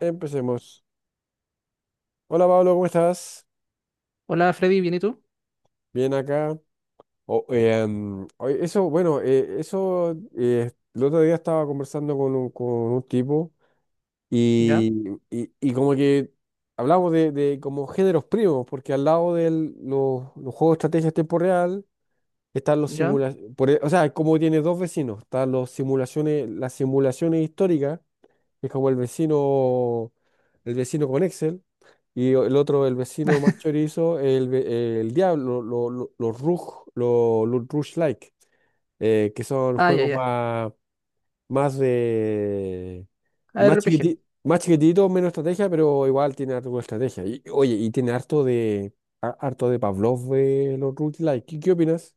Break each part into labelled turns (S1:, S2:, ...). S1: Empecemos. Hola Pablo, ¿cómo estás?
S2: Hola Freddy, ¿bien y tú?
S1: Bien acá. O- mm, oye, eso, bueno, eso, El otro día estaba conversando con con un tipo
S2: ¿Ya?
S1: y, y como que hablamos de como géneros primos, porque al lado de los juegos de estrategia en tiempo real están los
S2: ¿Ya?
S1: simulaciones, o sea, como tiene dos vecinos, están los simulaciones, las simulaciones históricas que es como el vecino con Excel, y el otro, el vecino más chorizo, el diablo, los Rush Like, que son
S2: Ah, ya,
S1: juegos
S2: ya.
S1: más, más de, más
S2: ARPG.
S1: chiquititos, más chiquitito, menos estrategia, pero igual tiene algo de estrategia. Y, oye, y tiene harto de, harto de Pavlov de los Rush Like. Qué opinas?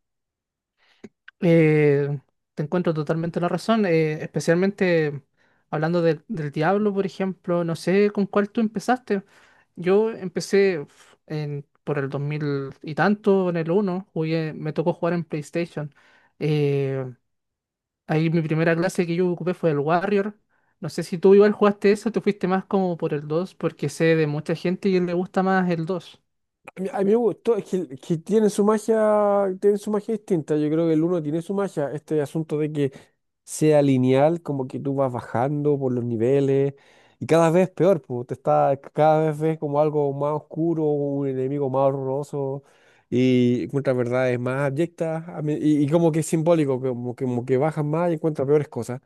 S2: Eh, te encuentro totalmente la razón, especialmente hablando del Diablo, por ejemplo. No sé con cuál tú empezaste. Yo empecé uf, por el 2000 y tanto, en el uno. Me tocó jugar en PlayStation. Eh, ahí mi primera clase que yo ocupé fue el Warrior. No sé si tú igual jugaste eso, te fuiste más como por el 2, porque sé de mucha gente que le gusta más el 2.
S1: A a mí me gustó, es que tiene su magia distinta. Yo creo que el uno tiene su magia, este asunto de que sea lineal, como que tú vas bajando por los niveles y cada vez peor, pues te está, cada vez ves como algo más oscuro, un enemigo más horroroso y encuentras verdades más abyectas y como que es simbólico, como que bajas más y encuentras peores cosas.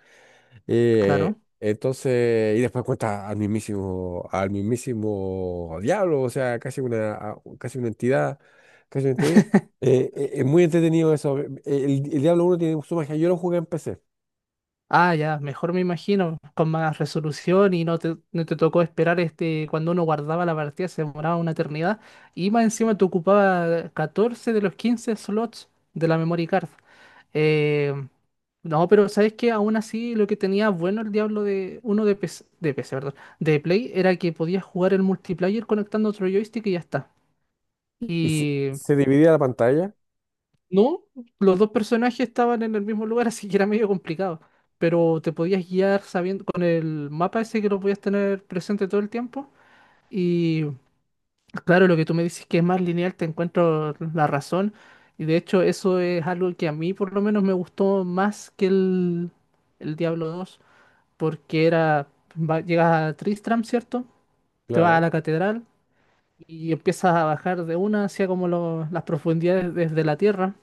S2: Claro.
S1: Entonces, y después cuenta al mismísimo diablo, o sea, casi una entidad, casi una entidad. Es muy entretenido eso. El Diablo uno tiene su magia. Yo lo jugué en PC
S2: Ah, ya, mejor me imagino, con más resolución y no te tocó esperar este, cuando uno guardaba la partida se demoraba una eternidad y más encima te ocupaba 14 de los 15 slots de la memory card. Eh, no, pero sabes que aún así lo que tenía bueno el Diablo de uno de PC, de PC, perdón, de Play era que podías jugar el multiplayer conectando otro joystick y ya está.
S1: y
S2: Y
S1: se dividía la pantalla,
S2: no, los dos personajes estaban en el mismo lugar, así que era medio complicado. Pero te podías guiar sabiendo con el mapa ese que lo podías tener presente todo el tiempo. Y claro, lo que tú me dices que es más lineal, te encuentro la razón. Y de hecho, eso es algo que a mí por lo menos me gustó más que el Diablo 2, porque era, llegas a Tristram, ¿cierto? Te vas a
S1: claro.
S2: la catedral y empiezas a bajar de una hacia como las profundidades desde la tierra.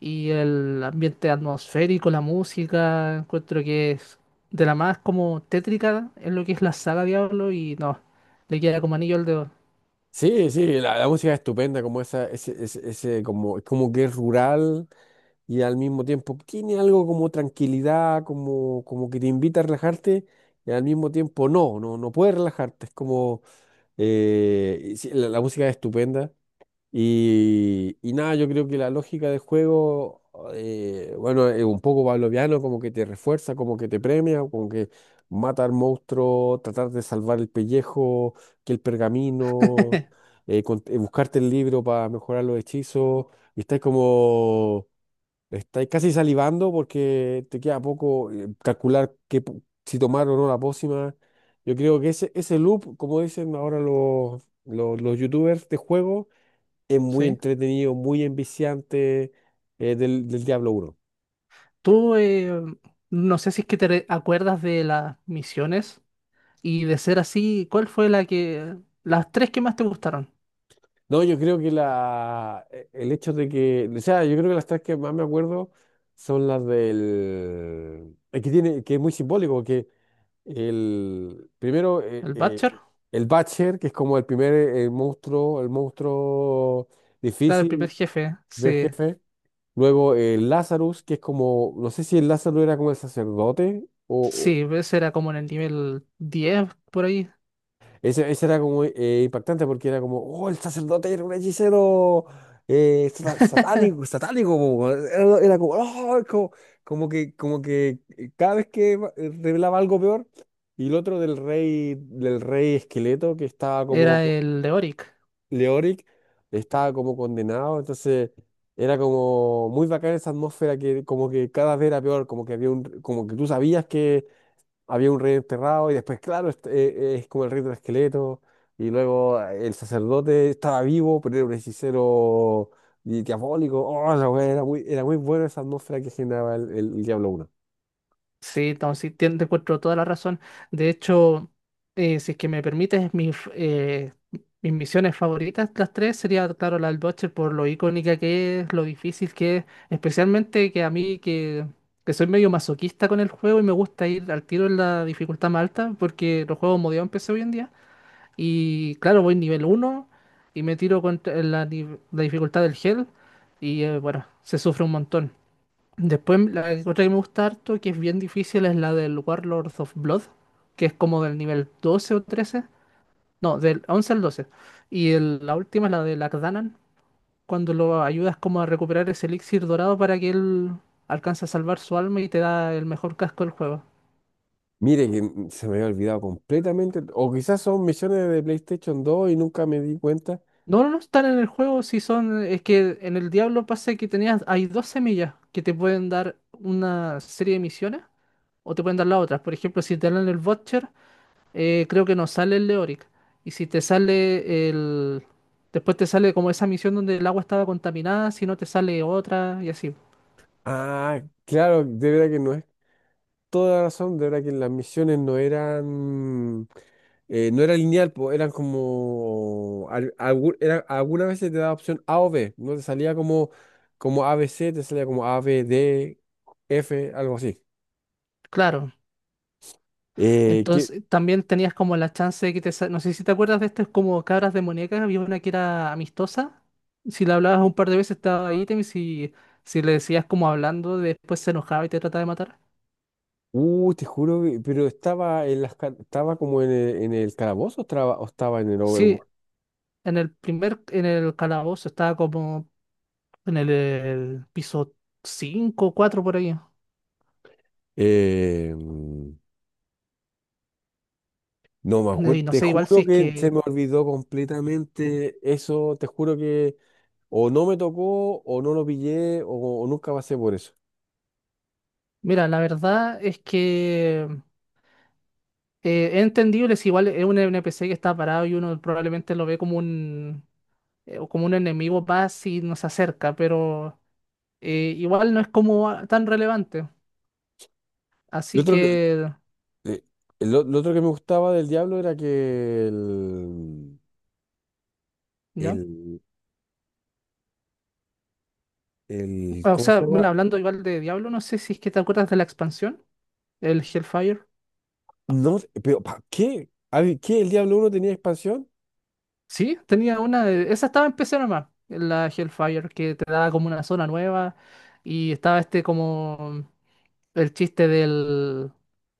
S2: Y el ambiente atmosférico, la música, encuentro que es de la más como tétrica en lo que es la saga Diablo y no, le queda como anillo al dedo.
S1: Sí, sí, la música es estupenda, como esa, como, es como que es rural y al mismo tiempo tiene algo como tranquilidad, como, como que te invita a relajarte y al mismo tiempo no puedes relajarte, es como y sí, la música es estupenda. Y nada, yo creo que la lógica del juego, bueno, es un poco pavloviano, como que te refuerza, como que te premia, como que matar monstruos, tratar de salvar el pellejo, que el pergamino, buscarte el libro para mejorar los hechizos. Y estás como Estáis casi salivando porque te queda poco calcular qué, si tomar o no la pócima. Yo creo que ese loop, como dicen ahora los youtubers de juego, es muy
S2: ¿Sí?
S1: entretenido, muy enviciante del Diablo uno.
S2: Tú, no sé si es que acuerdas de las misiones y de ser así, ¿cuál fue la que, ¿las tres que más te gustaron?
S1: No, yo creo que el hecho de que, o sea, yo creo que las tres que más me acuerdo son las del, es que tiene, que es muy simbólico, que primero,
S2: ¿El Butcher?
S1: el Butcher, que es como el primer monstruo, el monstruo
S2: Claro, el primer
S1: difícil
S2: jefe,
S1: ver
S2: sí.
S1: jefe. Luego el Lazarus, que es como, no sé si el Lazarus era como el sacerdote o
S2: Sí, ese era como en el nivel 10 por ahí.
S1: ese era como impactante porque era como, oh, el sacerdote era un hechicero satánico, satánico, po, weón. Era, era como, oh, como, como que cada vez que revelaba algo peor, y el otro del rey esqueleto que estaba como,
S2: Era
S1: co-
S2: el de Oric.
S1: Leoric, estaba como condenado, entonces era como muy bacana esa atmósfera que como que cada vez era peor, como que había un, como que tú sabías había un rey enterrado y después, claro, este, es como el rey del esqueleto y luego el sacerdote estaba vivo, pero era un hechicero diabólico. Oh, la wea, era muy buena esa atmósfera que generaba el Diablo 1.
S2: Sí, entonces sí, te encuentro toda la razón. De hecho, si es que me permites, mis misiones favoritas, las tres, sería, claro, la del Butcher por lo icónica que es, lo difícil que es, especialmente que a mí, que soy medio masoquista con el juego y me gusta ir al tiro en la dificultad más alta, porque los juegos modeados empecé hoy en día. Y claro, voy nivel uno y me tiro contra la, ni- la dificultad del Hell y bueno, se sufre un montón. Después, la otra que me gusta harto, que es bien difícil, es la del Warlords of Blood, que es como del nivel 12 o 13. No, del 11 al 12. Y la última es la de Lakdanan, cuando lo ayudas como a recuperar ese elixir dorado para que él alcance a salvar su alma y te da el mejor casco del juego.
S1: Mire que se me había olvidado completamente, o quizás son misiones de PlayStation 2 y nunca me di cuenta.
S2: No, no, no están en el juego, si son... Es que en el Diablo pasa que tenías... Hay dos semillas que te pueden dar una serie de misiones o te pueden dar las otras. Por ejemplo, si te dan el Vulture creo que no sale el Leoric. Y si te sale el... Después te sale como esa misión donde el agua estaba contaminada, si no te sale otra y así.
S1: Ah, claro, de verdad que no es toda la razón, de verdad que las misiones no eran, no era lineal, po, eran como, algunas veces te daba opción A o B, no te salía como, como a b c te salía como A, B, D, F, algo así.
S2: Claro.
S1: Eh, que,
S2: Entonces también tenías como la chance de que no sé si te acuerdas de estas como cabras demoníacas, había una que era amistosa. Si la hablabas un par de veces estaba ahí, y si le decías como hablando, después se enojaba y te trataba de matar.
S1: te juro, pero estaba en estaba como en en el calabozo o estaba en el
S2: Sí,
S1: Overworld.
S2: en el calabozo estaba como en el piso 5 4 por ahí.
S1: Eh, mm, no me
S2: No, y
S1: acuerdo,
S2: no
S1: te
S2: sé, igual
S1: juro
S2: si es
S1: que se
S2: que,
S1: me olvidó completamente eso, te juro que o no me tocó, o no lo pillé, o nunca pasé por eso.
S2: mira, la verdad es que es entendible si igual es un NPC que está parado y uno probablemente lo ve como como un enemigo más y nos acerca, pero igual no es como tan relevante.
S1: Lo
S2: Así
S1: otro que,
S2: que,
S1: eh, lo otro que me gustaba del Diablo era que
S2: ya.
S1: el, el-
S2: O
S1: ¿cómo
S2: sea,
S1: se llama?
S2: mira, hablando igual de Diablo, no sé si es que te acuerdas de la expansión, el Hellfire.
S1: No, pero ¿para qué? A ver, ¿qué? ¿El Diablo uno tenía expansión?
S2: Sí, tenía una, esa estaba en PC nomás, la Hellfire, que te daba como una zona nueva y estaba este como... el chiste del,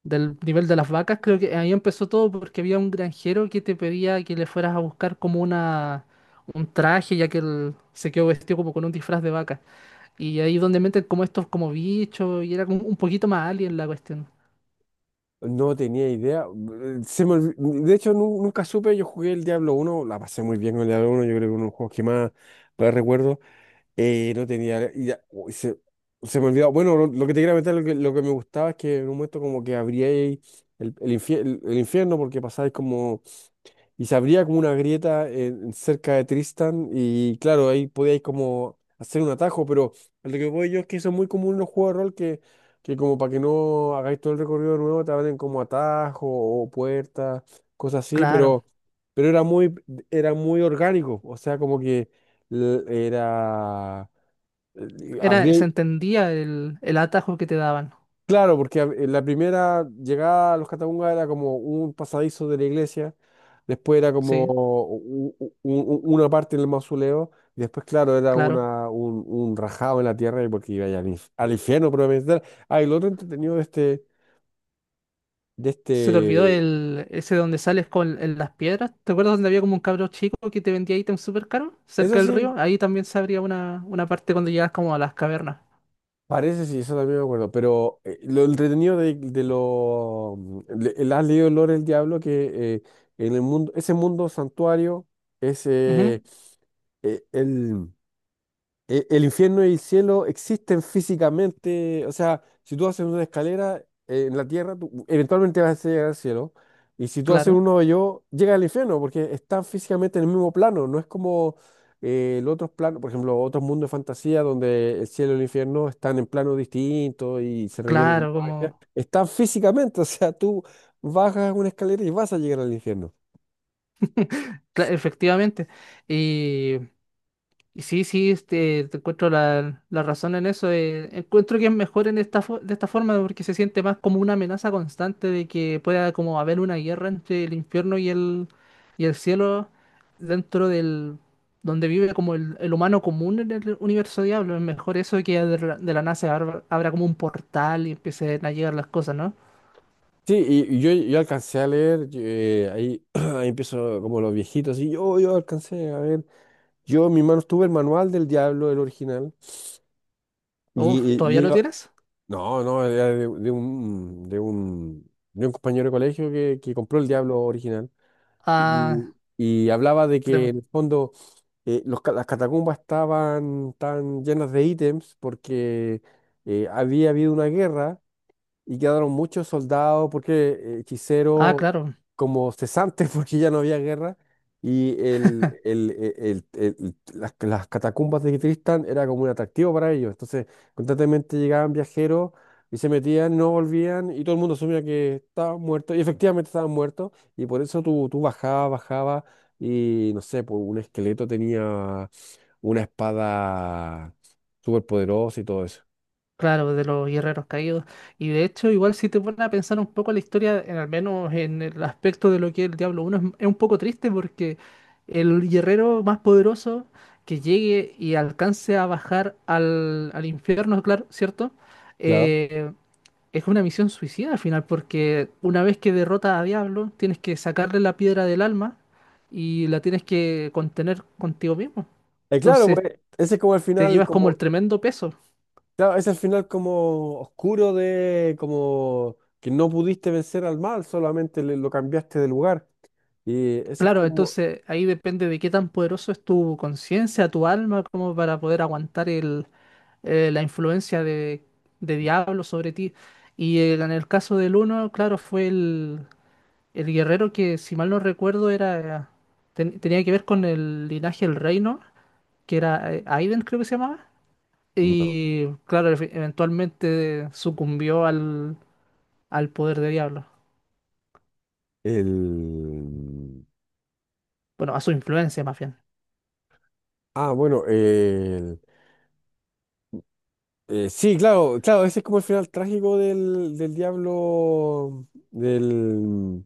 S2: del nivel de las vacas, creo que ahí empezó todo porque había un granjero que te pedía que le fueras a buscar como una, un traje, ya que él se quedó vestido como con un disfraz de vaca. Y ahí donde meten como estos como bichos y era como un poquito más alien la cuestión.
S1: No tenía idea. Se me olvi- mm, De hecho, nunca supe, yo jugué el Diablo uno la pasé muy bien con el Diablo uno yo creo que uno de los juegos que más, más recuerdo. No tenía. Uy, se me olvidó. Bueno, lo que te quería comentar, lo que me gustaba es que en un momento como que abría el infierno porque pasáis como. Y se abría como una grieta cerca de Tristan y claro, ahí podíais como hacer un atajo, pero lo que voy yo es que eso es muy común en los juegos de rol que como para que no hagáis todo el recorrido de nuevo, te abren como atajo o puertas, cosas así,
S2: Claro,
S1: pero era muy orgánico. O sea, como que era eh,
S2: era, se
S1: abrí-
S2: entendía el atajo que te daban,
S1: claro, porque la primera llegada a los Catacumbas era como un pasadizo de la iglesia, después era como
S2: sí,
S1: una parte del mausoleo, y después, claro, era
S2: claro.
S1: una, un rajado en la tierra y porque iba ya al, al infierno probablemente. Ah, y lo otro entretenido de
S2: Se te olvidó
S1: este,
S2: el, ese donde sales con las piedras. ¿Te acuerdas donde había como un cabro chico que te vendía ítems súper caros
S1: eso
S2: cerca del río?
S1: sí.
S2: Ahí también se abría una parte cuando llegas como a las cavernas.
S1: Parece, sí, eso también me acuerdo, pero lo entretenido de lo... ¿Has leído El Lore del Diablo? Que en el mundo, ese mundo santuario,
S2: Ujú,
S1: ese eh, el, el infierno y el cielo existen físicamente, o sea, si tú haces una escalera en la tierra, tú eventualmente vas a llegar al cielo, y si tú haces
S2: claro,
S1: un hoyo, llega al infierno, porque están físicamente en el mismo plano, no es como el otro plano, por ejemplo, otros mundos de fantasía donde el cielo y el infierno están en planos distintos y se requiere
S2: claro,
S1: magia,
S2: como...
S1: están físicamente, o sea, tú bajas una escalera y vas a llegar al infierno.
S2: efectivamente. Y Y sí, sí, te encuentro la razón en eso. Encuentro que es mejor en esta de esta forma porque se siente más como una amenaza constante de que pueda como haber una guerra entre el infierno y el cielo dentro del donde vive como el humano común en el universo diablo. Es mejor eso que de la nada se abra, abra como un portal y empiecen a llegar las cosas, ¿no?
S1: Sí, y yo alcancé a leer, ahí, ahí empiezo como los viejitos, y yo alcancé a ver, yo en mis manos tuve el manual del diablo, el original,
S2: Uf,
S1: y
S2: ¿todavía lo
S1: ella-
S2: tienes?
S1: no, no, era de un compañero de colegio que compró el diablo original,
S2: Ah,
S1: y hablaba de que
S2: tremendo.
S1: en el fondo las catacumbas estaban tan llenas de ítems porque había habido una guerra y quedaron muchos soldados, porque
S2: Ah,
S1: hechiceros
S2: claro.
S1: como cesantes, porque ya no había guerra, y las catacumbas de Tristán era como un atractivo para ellos. Entonces, constantemente llegaban viajeros y se metían, no volvían, y todo el mundo asumía que estaban muertos, y efectivamente estaban muertos, y por eso tú, tú bajabas, bajabas, y no sé, pues un esqueleto tenía una espada súper poderosa y todo eso.
S2: Claro, de los guerreros caídos. Y de hecho, igual si te pones a pensar un poco la historia, al menos en el aspecto de lo que es el Diablo uno es un poco triste porque el guerrero más poderoso que llegue y alcance a bajar al infierno, claro, ¿cierto? Eh, es una misión suicida al final, porque una vez que derrotas a Diablo, tienes que sacarle la piedra del alma y la tienes que contener contigo mismo.
S1: Claro,
S2: Entonces,
S1: pues ese es como el
S2: te
S1: final,
S2: llevas como el
S1: como,
S2: tremendo peso.
S1: claro, ese es el final como oscuro de, como que no pudiste vencer al mal, solamente lo cambiaste de lugar. Y ese es
S2: Claro,
S1: como
S2: entonces ahí depende de qué tan poderoso es tu conciencia, tu alma, como para poder aguantar la influencia de diablo sobre ti. Y en el caso del uno, claro, fue el guerrero que, si mal no recuerdo, era tenía que ver con el linaje del reino, que era Aiden, creo que se llamaba.
S1: No.
S2: Y claro, eventualmente sucumbió al poder de diablo.
S1: El...
S2: Bueno, a su influencia más bien.
S1: Ah, bueno, el... sí, claro, claro, ese es como el final trágico del diablo del,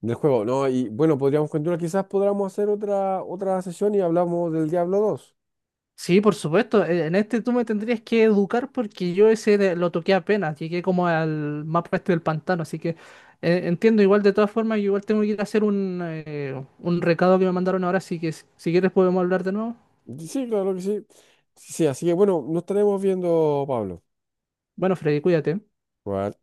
S1: del juego, ¿no? Y bueno, podríamos continuar, quizás podamos hacer otra, otra sesión y hablamos del Diablo dos.
S2: Sí, por supuesto. En este tú me tendrías que educar porque yo ese lo toqué apenas. Llegué como al mapa este del pantano. Así que entiendo igual de todas formas. Yo igual tengo que ir a hacer un recado que me mandaron ahora. Así que si quieres podemos hablar de nuevo.
S1: Sí, claro que sí. Sí, así que bueno, nos estaremos viendo, Pablo.
S2: Bueno, Freddy, cuídate.
S1: Bueno,